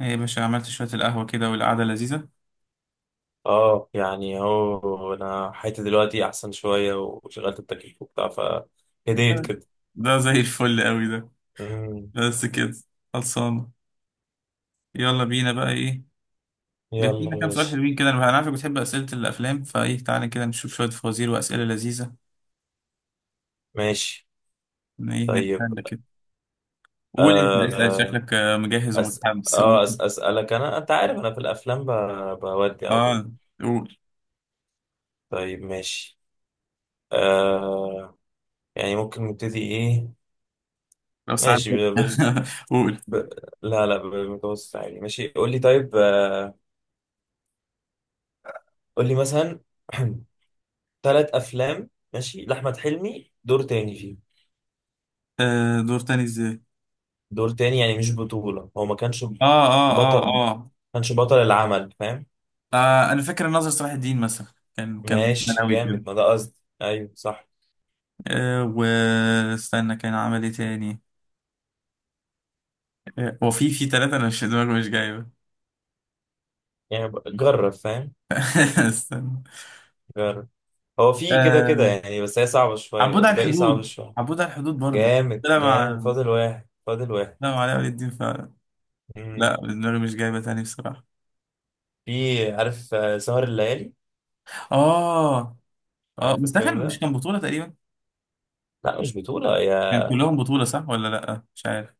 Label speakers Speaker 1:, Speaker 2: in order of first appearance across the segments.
Speaker 1: ايه يا باشا، عملت شوية القهوة كده والقعدة لذيذة.
Speaker 2: اه، يعني هو انا حياتي دلوقتي احسن شويه وشغلت التكييف وبتاع فهديت كده.
Speaker 1: ده زي الفل قوي ده.
Speaker 2: أمم.
Speaker 1: بس كده؟ خلصانة؟ يلا بينا بقى، ايه
Speaker 2: يلا
Speaker 1: جاهزين؟ كام سؤال
Speaker 2: ماشي.
Speaker 1: حلوين كده، انا عارفك بتحب أسئلة الأفلام، فايه تعالى كده نشوف شوية فوازير وأسئلة لذيذة.
Speaker 2: ماشي.
Speaker 1: إن ايه
Speaker 2: طيب.
Speaker 1: نتسلى كده. قول انت، اسأل،
Speaker 2: آه.
Speaker 1: شكلك مجهز
Speaker 2: أس...
Speaker 1: ومتحمس، قول.
Speaker 2: اسالك انا، انت عارف انا في الافلام بودي على طول.
Speaker 1: اه، قول.
Speaker 2: طيب ماشي. آه يعني ممكن نبتدي ايه؟
Speaker 1: لو ساعات.
Speaker 2: ماشي
Speaker 1: قول.
Speaker 2: ب... لا لا، بالمتوسط عادي ماشي، قول لي طيب. قول لي مثلا ثلاث افلام ماشي لاحمد حلمي دور تاني فيه.
Speaker 1: آه، دور تاني ازاي؟
Speaker 2: دور تاني يعني مش بطولة، هو ما كانش
Speaker 1: آه, اه
Speaker 2: بطل
Speaker 1: اه
Speaker 2: ما
Speaker 1: اه.
Speaker 2: كانش بطل العمل فاهم.
Speaker 1: اه، انا فاكر الناظر صلاح الدين مثلا. كان
Speaker 2: ماشي
Speaker 1: ثانوي كده.
Speaker 2: جامد، ما ده قصدي، ايوه صح.
Speaker 1: أه، واستنى، كان عمل ايه تاني؟ أه، وفي في ثلاثة انا مش دماغي مش جايبة.
Speaker 2: يعني جرب فاهم،
Speaker 1: استنى.
Speaker 2: جرب. هو في كده كده
Speaker 1: أه،
Speaker 2: يعني، بس هي صعبة شوية،
Speaker 1: عبود على
Speaker 2: الباقي صعب
Speaker 1: الحدود،
Speaker 2: شوية.
Speaker 1: عبود على الحدود برضو.
Speaker 2: جامد
Speaker 1: لا
Speaker 2: جامد،
Speaker 1: مع
Speaker 2: فاضل واحد فاضل واحد.
Speaker 1: لا مع علاء ولي الدين فعلا.
Speaker 2: مم.
Speaker 1: لا دماغي مش جايبة تاني بصراحة.
Speaker 2: في عارف، سهر الليالي،
Speaker 1: اه اه،
Speaker 2: عارف
Speaker 1: بس ده
Speaker 2: الفيلم
Speaker 1: كان، مش
Speaker 2: ده؟
Speaker 1: كان بطولة تقريبا.
Speaker 2: لا مش بطولة
Speaker 1: كان
Speaker 2: يا.
Speaker 1: كلهم بطولة، صح ولا لا؟ مش عارف.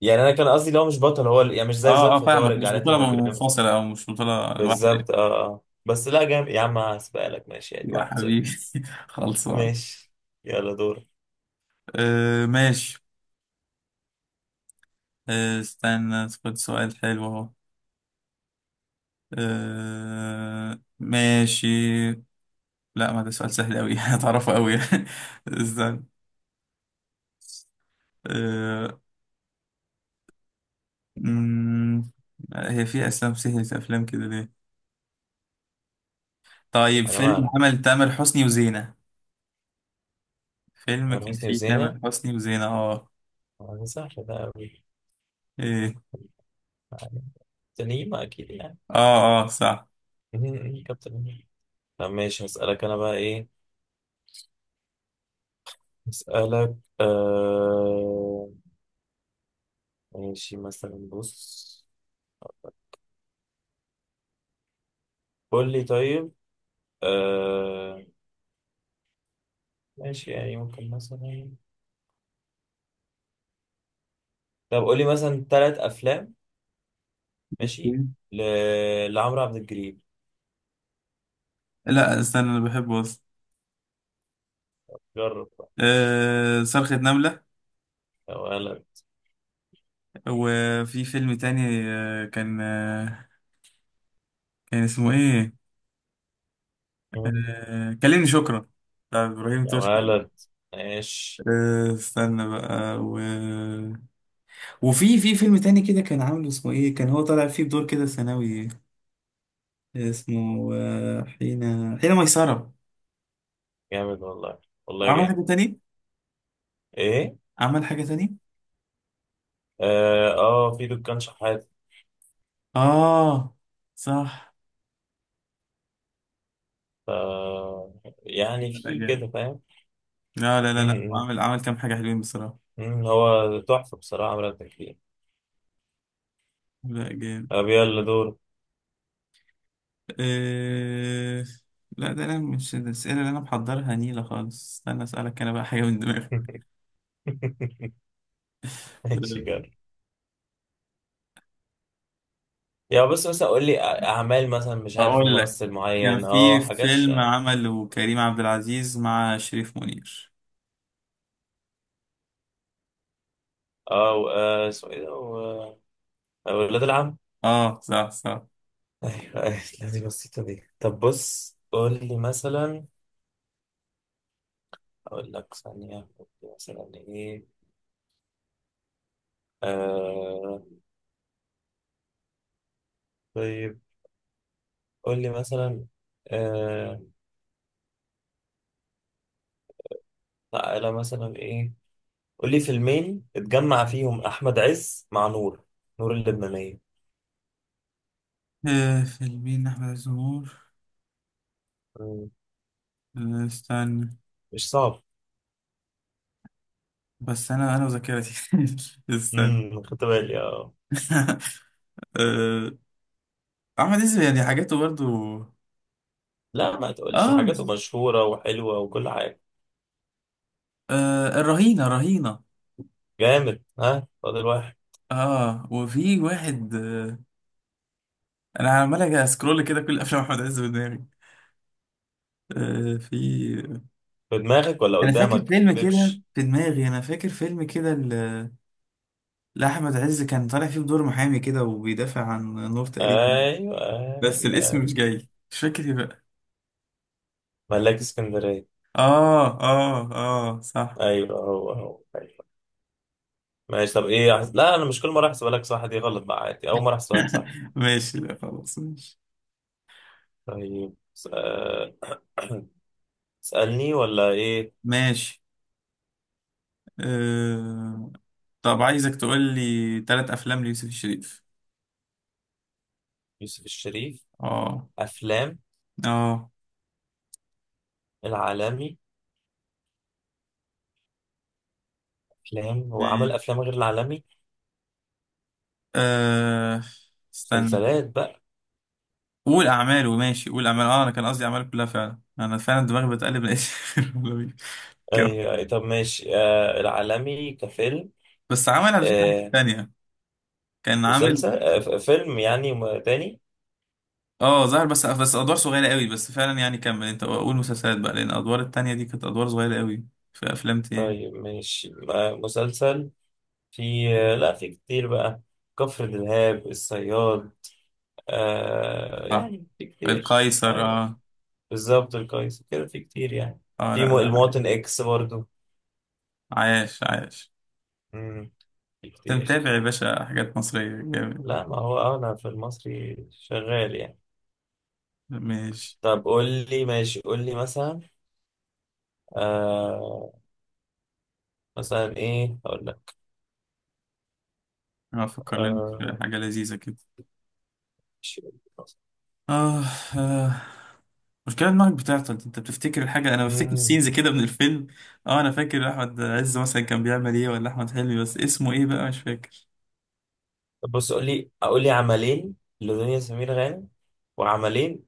Speaker 2: يعني انا كان قصدي لو مش بطل، هو يعني مش زي
Speaker 1: اه اه،
Speaker 2: ظرف، هو
Speaker 1: فاهمك، مش
Speaker 2: رجعلاتي
Speaker 1: بطولة
Speaker 2: مجرمة.
Speaker 1: منفصلة او مش بطولة لوحده.
Speaker 2: بالظبط اه اه، بس لا جامد يا عم، هسبقلك ماشي يعني
Speaker 1: يا
Speaker 2: واحد
Speaker 1: حبيبي.
Speaker 2: صفر
Speaker 1: خلصان.
Speaker 2: ماشي، يلا دور.
Speaker 1: أه ماشي. آه، استنى خد سؤال حلو اهو. آه ماشي. لا ما ده سؤال سهل أوي، هتعرفه أوي. استنى. آه. مم، هي في أفلام سهلة؟ أفلام كده ليه. طيب،
Speaker 2: على
Speaker 1: فيلم
Speaker 2: مالك لا.
Speaker 1: عمل تامر حسني وزينة. فيلم
Speaker 2: تامر
Speaker 1: كان
Speaker 2: حسني
Speaker 1: فيه
Speaker 2: وزينة،
Speaker 1: تامر حسني وزينة، اه.
Speaker 2: سهلة ده أوي
Speaker 1: ايه.
Speaker 2: يعني، تنيمة أكيد يعني.
Speaker 1: اه اه صح.
Speaker 2: كابتن هيما. طب ماشي هسألك أنا بقى إيه. هسألك آه... ماشي مثلا، بص قول لي طيب. آه... ماشي يعني ممكن مثلا، طب قول لي مثلا ثلاث أفلام ماشي ل... لعمرو عبد الجليل.
Speaker 1: لا استنى، أنا بحبه أصلا.
Speaker 2: جرب بقى.
Speaker 1: آه، صرخة نملة.
Speaker 2: يا ولد.
Speaker 1: وفي فيلم تاني، كان اسمه ايه.
Speaker 2: مم.
Speaker 1: آه، كلمني شكرا. بتاع إبراهيم
Speaker 2: يا
Speaker 1: توش كده.
Speaker 2: ولد. ماشي
Speaker 1: آه، استنى بقى وفي فيلم تاني كده كان عامل، اسمه ايه؟ كان هو طالع فيه بدور كده ثانوي. اسمه حين ميسرة.
Speaker 2: جامد والله، والله
Speaker 1: وعمل
Speaker 2: جامد.
Speaker 1: حاجة تاني؟
Speaker 2: إيه؟
Speaker 1: عمل حاجة تاني.
Speaker 2: في دكان شحات.
Speaker 1: اه صح.
Speaker 2: آه يعني
Speaker 1: لا لا،
Speaker 2: في كده
Speaker 1: جامد.
Speaker 2: فاهم.
Speaker 1: لا لا
Speaker 2: م-
Speaker 1: لا لا،
Speaker 2: م-
Speaker 1: عمل كام حاجة حلوين بصراحة.
Speaker 2: م، هو تحفة بصراحة عملت تكفير.
Speaker 1: لا جامد.
Speaker 2: طب يلا دور.
Speaker 1: آه... لا ده انا مش الأسئلة اللي انا محضرها نيلة خالص. استنى اسألك انا بقى حاجة من دماغي.
Speaker 2: ماشي كده. يا بس مثلا قول لي أعمال، مثلا مش عارف
Speaker 1: اقول لك،
Speaker 2: ممثل
Speaker 1: كان
Speaker 2: معين،
Speaker 1: في
Speaker 2: اه حاجات ش...
Speaker 1: فيلم
Speaker 2: اه
Speaker 1: عمله كريم عبد العزيز مع شريف منير.
Speaker 2: اسمه ايه ده. ولاد العم.
Speaker 1: اه صح صح.
Speaker 2: ايوه أيوة، لا دي بسيطة دي. طب بص قول لي مثلا، اقول لك ثانية قول لي مثلا ايه. آه... طيب قول لي مثلا، آه، تعالى مثلا ايه. قول لي فيلمين اتجمع فيهم احمد عز مع نور اللبنانيه.
Speaker 1: آه فيلمين احمد عز ومنور.
Speaker 2: مم.
Speaker 1: آه، استنى.
Speaker 2: مش صعب.
Speaker 1: بس انا وذاكرتي. استنى.
Speaker 2: خدت بالي اه.
Speaker 1: آه. احمد عز يعني حاجاته برضو.
Speaker 2: لا ما تقولش،
Speaker 1: اه,
Speaker 2: حاجاته مشهوره وحلوه وكل حاجه.
Speaker 1: آه الرهينه، رهينه.
Speaker 2: جامد ها، فاضل واحد.
Speaker 1: اه وفي واحد انا عمال أجي اسكرول كده كل افلام احمد عز في دماغي. آه في.
Speaker 2: في دماغك ولا
Speaker 1: انا
Speaker 2: قدامك ما
Speaker 1: فاكر فيلم كده
Speaker 2: تكذبش.
Speaker 1: في دماغي، انا فاكر فيلم كده. لا، احمد عز كان طالع فيه بدور محامي كده وبيدافع عن نور تقريبا.
Speaker 2: ايوه
Speaker 1: بس
Speaker 2: ايوه
Speaker 1: الاسم مش
Speaker 2: ايوه،
Speaker 1: جاي، مش فاكر ايه بقى.
Speaker 2: ملاك اسكندريه.
Speaker 1: اه اه اه صح.
Speaker 2: ايوه هو هو ايوه. ماشي طب ايه لا انا مش كل مره احسبها لك صح، دي غلط بقى عادي، اول مره احسبها لك صح.
Speaker 1: ماشي، لا خلاص ماشي.
Speaker 2: طيب اسالني ولا ايه؟
Speaker 1: ماشي. آه... طب عايزك تقول لي ثلاث افلام ليوسف الشريف.
Speaker 2: يوسف الشريف.
Speaker 1: اه.
Speaker 2: افلام؟
Speaker 1: اه.
Speaker 2: العالمي. افلام، هو عمل
Speaker 1: ماشي.
Speaker 2: افلام غير العالمي؟
Speaker 1: آه... استنى.
Speaker 2: مسلسلات بقى.
Speaker 1: قول اعماله، ماشي قول اعماله، اه انا كان قصدي اعماله كلها فعلا، انا فعلا دماغي بتقلب لقيت. كم.
Speaker 2: ايوه أيوه. طب ماشي العالمي كفيلم.
Speaker 1: بس عمل على فكره حاجه
Speaker 2: آه
Speaker 1: تانيه. كان عامل.
Speaker 2: فيلم يعني تاني.
Speaker 1: اه ظهر، بس ادوار صغيره قوي، بس فعلا يعني كمل انت، قول مسلسلات بقى، لان الادوار التانية دي كانت ادوار صغيره قوي. في افلام تاني.
Speaker 2: طيب ماشي مسلسل. في. لا في كتير بقى، كفر دلهاب الصياد.
Speaker 1: اه،
Speaker 2: يعني في كتير
Speaker 1: القيصر
Speaker 2: ايوه.
Speaker 1: اه.
Speaker 2: بالظبط القيس كده، في كتير يعني.
Speaker 1: اه لا
Speaker 2: في
Speaker 1: لا.
Speaker 2: المواطن اكس برضو.
Speaker 1: عايش، عايش.
Speaker 2: مم، في
Speaker 1: انت
Speaker 2: كتير.
Speaker 1: متابع يا باشا حاجات مصريه جامد.
Speaker 2: لا ما هو انا في المصري شغال يعني.
Speaker 1: ماشي.
Speaker 2: طب قول لي ماشي، قول لي مثلا. آه مثلا ايه اقول لك؟
Speaker 1: افكر لنا في
Speaker 2: آه
Speaker 1: حاجه لذيذه كده.
Speaker 2: ماشي، قول لي مثلاً.
Speaker 1: اه اه. مشكلة دماغك بتعطل، انت بتفتكر الحاجة انا بفتكر
Speaker 2: مم.
Speaker 1: سينز كده من الفيلم. اه انا فاكر احمد عز مثلا كان بيعمل ايه ولا احمد حلمي، بس اسمه ايه بقى مش فاكر.
Speaker 2: طب بص قول لي، اقول لي عملين لدنيا سمير غانم، وعملين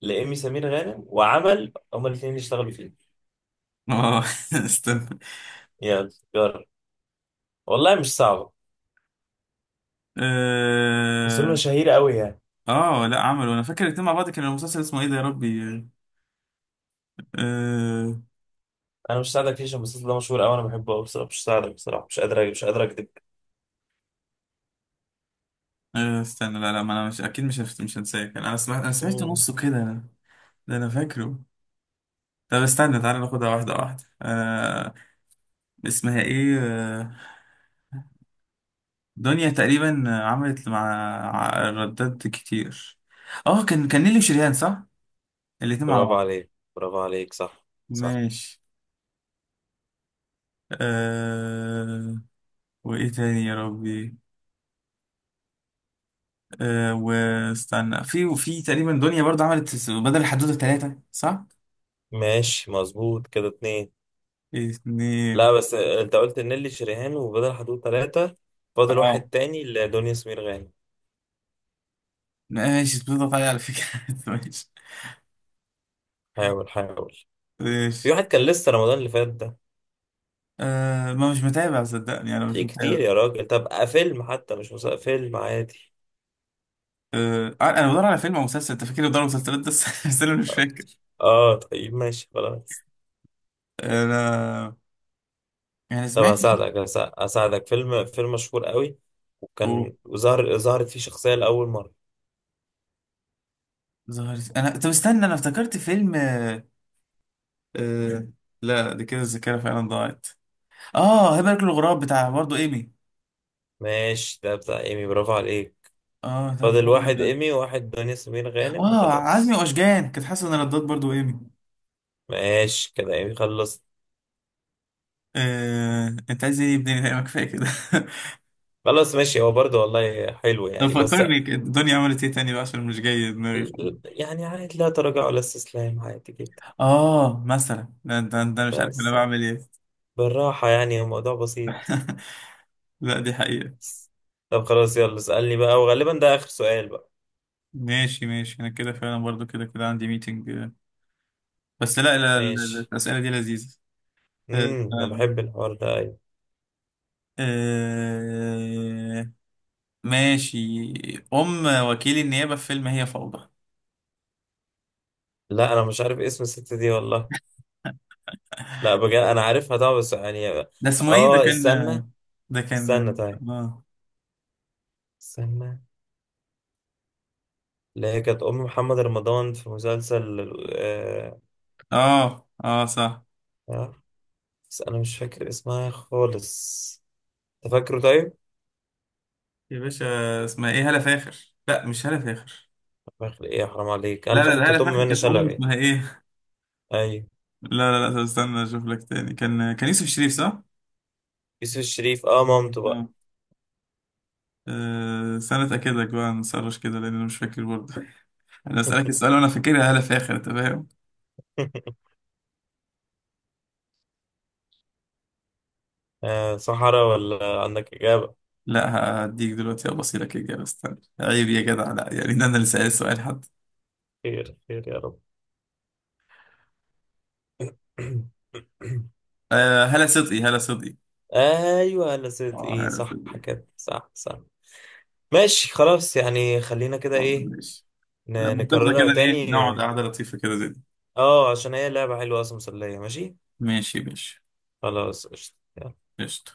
Speaker 2: لإيمي سمير غانم، وعمل هما الاثنين اللي اشتغلوا فيه.
Speaker 1: اه. استنى.
Speaker 2: يلا جرب، والله مش صعبة، بس دول
Speaker 1: اه.
Speaker 2: مشاهير قوي يعني.
Speaker 1: آه، لا عملوا، انا فاكر الاتنين مع بعض، كان المسلسل اسمه ايه ده يا ربي. آه.
Speaker 2: انا مش ساعدك فيه عشان المسلسل ده مشهور قوي، انا بحبه قوي بصراحة، مش ساعدك بصراحة، مش قادر مش قادر اكدب.
Speaker 1: آه استنى، لا لا، ما انا مش اكيد مش مش هنساه، كان انا سمعت
Speaker 2: مم.
Speaker 1: نصه كده. ده انا فاكره. طب استنى تعالى ناخدها واحده واحده اسمها ايه. آه. دنيا تقريبا عملت مع ردات كتير. اه كان نيلي وشريهان صح. الاتنين مع
Speaker 2: برافو
Speaker 1: بعض.
Speaker 2: عليك، برافو عليك صح. صح.
Speaker 1: ماشي. آه. وايه تاني يا ربي. آه، واستنى، وفي تقريبا دنيا برضه عملت بدل الحدوتة ثلاثة صح؟
Speaker 2: ماشي مظبوط كده اتنين.
Speaker 1: اتنين.
Speaker 2: لا بس انت قلت نيلي شريهان وبدر حدود ثلاثة، فاضل واحد
Speaker 1: اه
Speaker 2: تاني لدنيا سمير غانم.
Speaker 1: ماشي، بتضغط عليا على فكرة. ماشي.
Speaker 2: حاول حاول. في
Speaker 1: ماشي.
Speaker 2: واحد كان لسه رمضان اللي فات ده.
Speaker 1: آه، ما مش متابع صدقني، انا مش
Speaker 2: في كتير
Speaker 1: متابع.
Speaker 2: يا راجل، طب فيلم حتى مش مسلسل، فيلم عادي.
Speaker 1: آه، انا بدور على فيلم او مسلسل انت فاكر، بدور على مسلسلات بس بس انا مش فاكر.
Speaker 2: اه طيب ماشي خلاص.
Speaker 1: انا. يعني
Speaker 2: طب
Speaker 1: سمعت.
Speaker 2: هساعدك، هساعدك فيلم، فيلم مشهور قوي،
Speaker 1: اوه.
Speaker 2: وكان ظهرت فيه شخصية لأول مرة.
Speaker 1: ظهرت انا، طب استنى انا افتكرت فيلم آه... لا دي كده الذاكرة فعلا ضاعت. اه، هبة الغراب بتاع برضه ايمي.
Speaker 2: ماشي ده بتاع ايمي، برافو عليك.
Speaker 1: اه، طب
Speaker 2: فاضل
Speaker 1: الحمد
Speaker 2: واحد
Speaker 1: لله.
Speaker 2: ايمي وواحد دنيا سمير غانم
Speaker 1: اه، عزمي
Speaker 2: وخلاص.
Speaker 1: واشجان كانت حاسه ان ردات برضو ايمي.
Speaker 2: ماشي كده، ايمي خلصت.
Speaker 1: آه، انت عايز ايه بدني؟ لا ما كفايه كده.
Speaker 2: خلاص ماشي، هو برضه والله حلو
Speaker 1: لو
Speaker 2: يعني بس.
Speaker 1: فكرني كده، الدنيا عملت ايه تاني بقى عشان مش جاي دماغي خالص.
Speaker 2: يعني عادي، لا تراجع ولا استسلام، عادي جدا.
Speaker 1: اه مثلا، ده مش عارف انا
Speaker 2: بس
Speaker 1: بعمل ايه.
Speaker 2: بالراحة يعني، الموضوع بسيط.
Speaker 1: لا دي حقيقه.
Speaker 2: بس. طب خلاص يلا اسألني بقى، وغالبا ده آخر سؤال بقى.
Speaker 1: ماشي ماشي، انا كده فعلا برضو، كده كده عندي ميتنج. بس لا لا لا،
Speaker 2: ماشي.
Speaker 1: الاسئله دي لذيذه. آه،
Speaker 2: انا
Speaker 1: فعلا.
Speaker 2: بحب الحوار ده أيوة.
Speaker 1: آه، ماشي. ام وكيل النيابه في فيلم هي فوضى.
Speaker 2: لا انا مش عارف اسم الست دي والله. لا بجد انا عارفها طبعا، بس يعني.
Speaker 1: ده اسمه ايه، ده
Speaker 2: اه
Speaker 1: كان.
Speaker 2: استنى.
Speaker 1: ده كان.
Speaker 2: استنى طيب.
Speaker 1: آه.
Speaker 2: استنى. اللي هي كانت ام محمد رمضان في مسلسل. آه...
Speaker 1: اه اه صح.
Speaker 2: آه، بس انا مش فاكر اسمها خالص. انت فاكره طيب؟
Speaker 1: يا باشا، اسمها ايه، هالة فاخر. لا مش هالة فاخر.
Speaker 2: فاكر ايه يا حرام عليك، انا
Speaker 1: لا لا،
Speaker 2: فاكر
Speaker 1: ده هالة
Speaker 2: كانت ام
Speaker 1: فاخر
Speaker 2: منى
Speaker 1: كانت ام
Speaker 2: شلبي.
Speaker 1: اسمها ايه
Speaker 2: ايوه،
Speaker 1: لا لا لا، طب استنى اشوف لك تاني، كان يوسف شريف صح.
Speaker 2: يوسف الشريف مامته بقى.
Speaker 1: اه. آه، استنى اتاكدك بقى، نسرش كده، لان انا مش فاكر برضه. انا اسالك السؤال وانا فاكرها هالة فاخر، انت فاهم.
Speaker 2: صحراء ولا عندك إجابة؟
Speaker 1: لا. هديك دلوقتي ابصي لك اجابه؟ استنى، عيب يا جدع، لا يعني ده انا اللي سال السؤال حد.
Speaker 2: خير خير يا رب.
Speaker 1: آه، هالة صدقي، هالة صدقي.
Speaker 2: ايوه لا، صدق
Speaker 1: اه،
Speaker 2: ايه
Speaker 1: هالة
Speaker 2: صح.
Speaker 1: صدقي.
Speaker 2: كده صح صح. ماشي خلاص يعني، خلينا كده
Speaker 1: طب
Speaker 2: ايه.
Speaker 1: ماشي. لا منتفضه
Speaker 2: نكررها
Speaker 1: كده، ايه
Speaker 2: تاني.
Speaker 1: نقعد قعده لطيفه كده زي دي.
Speaker 2: اه عشان هي لعبة حلوة اصلا، مسلية ماشي.
Speaker 1: ماشي يا باشا.
Speaker 2: خلاص قشطة.
Speaker 1: قشطة.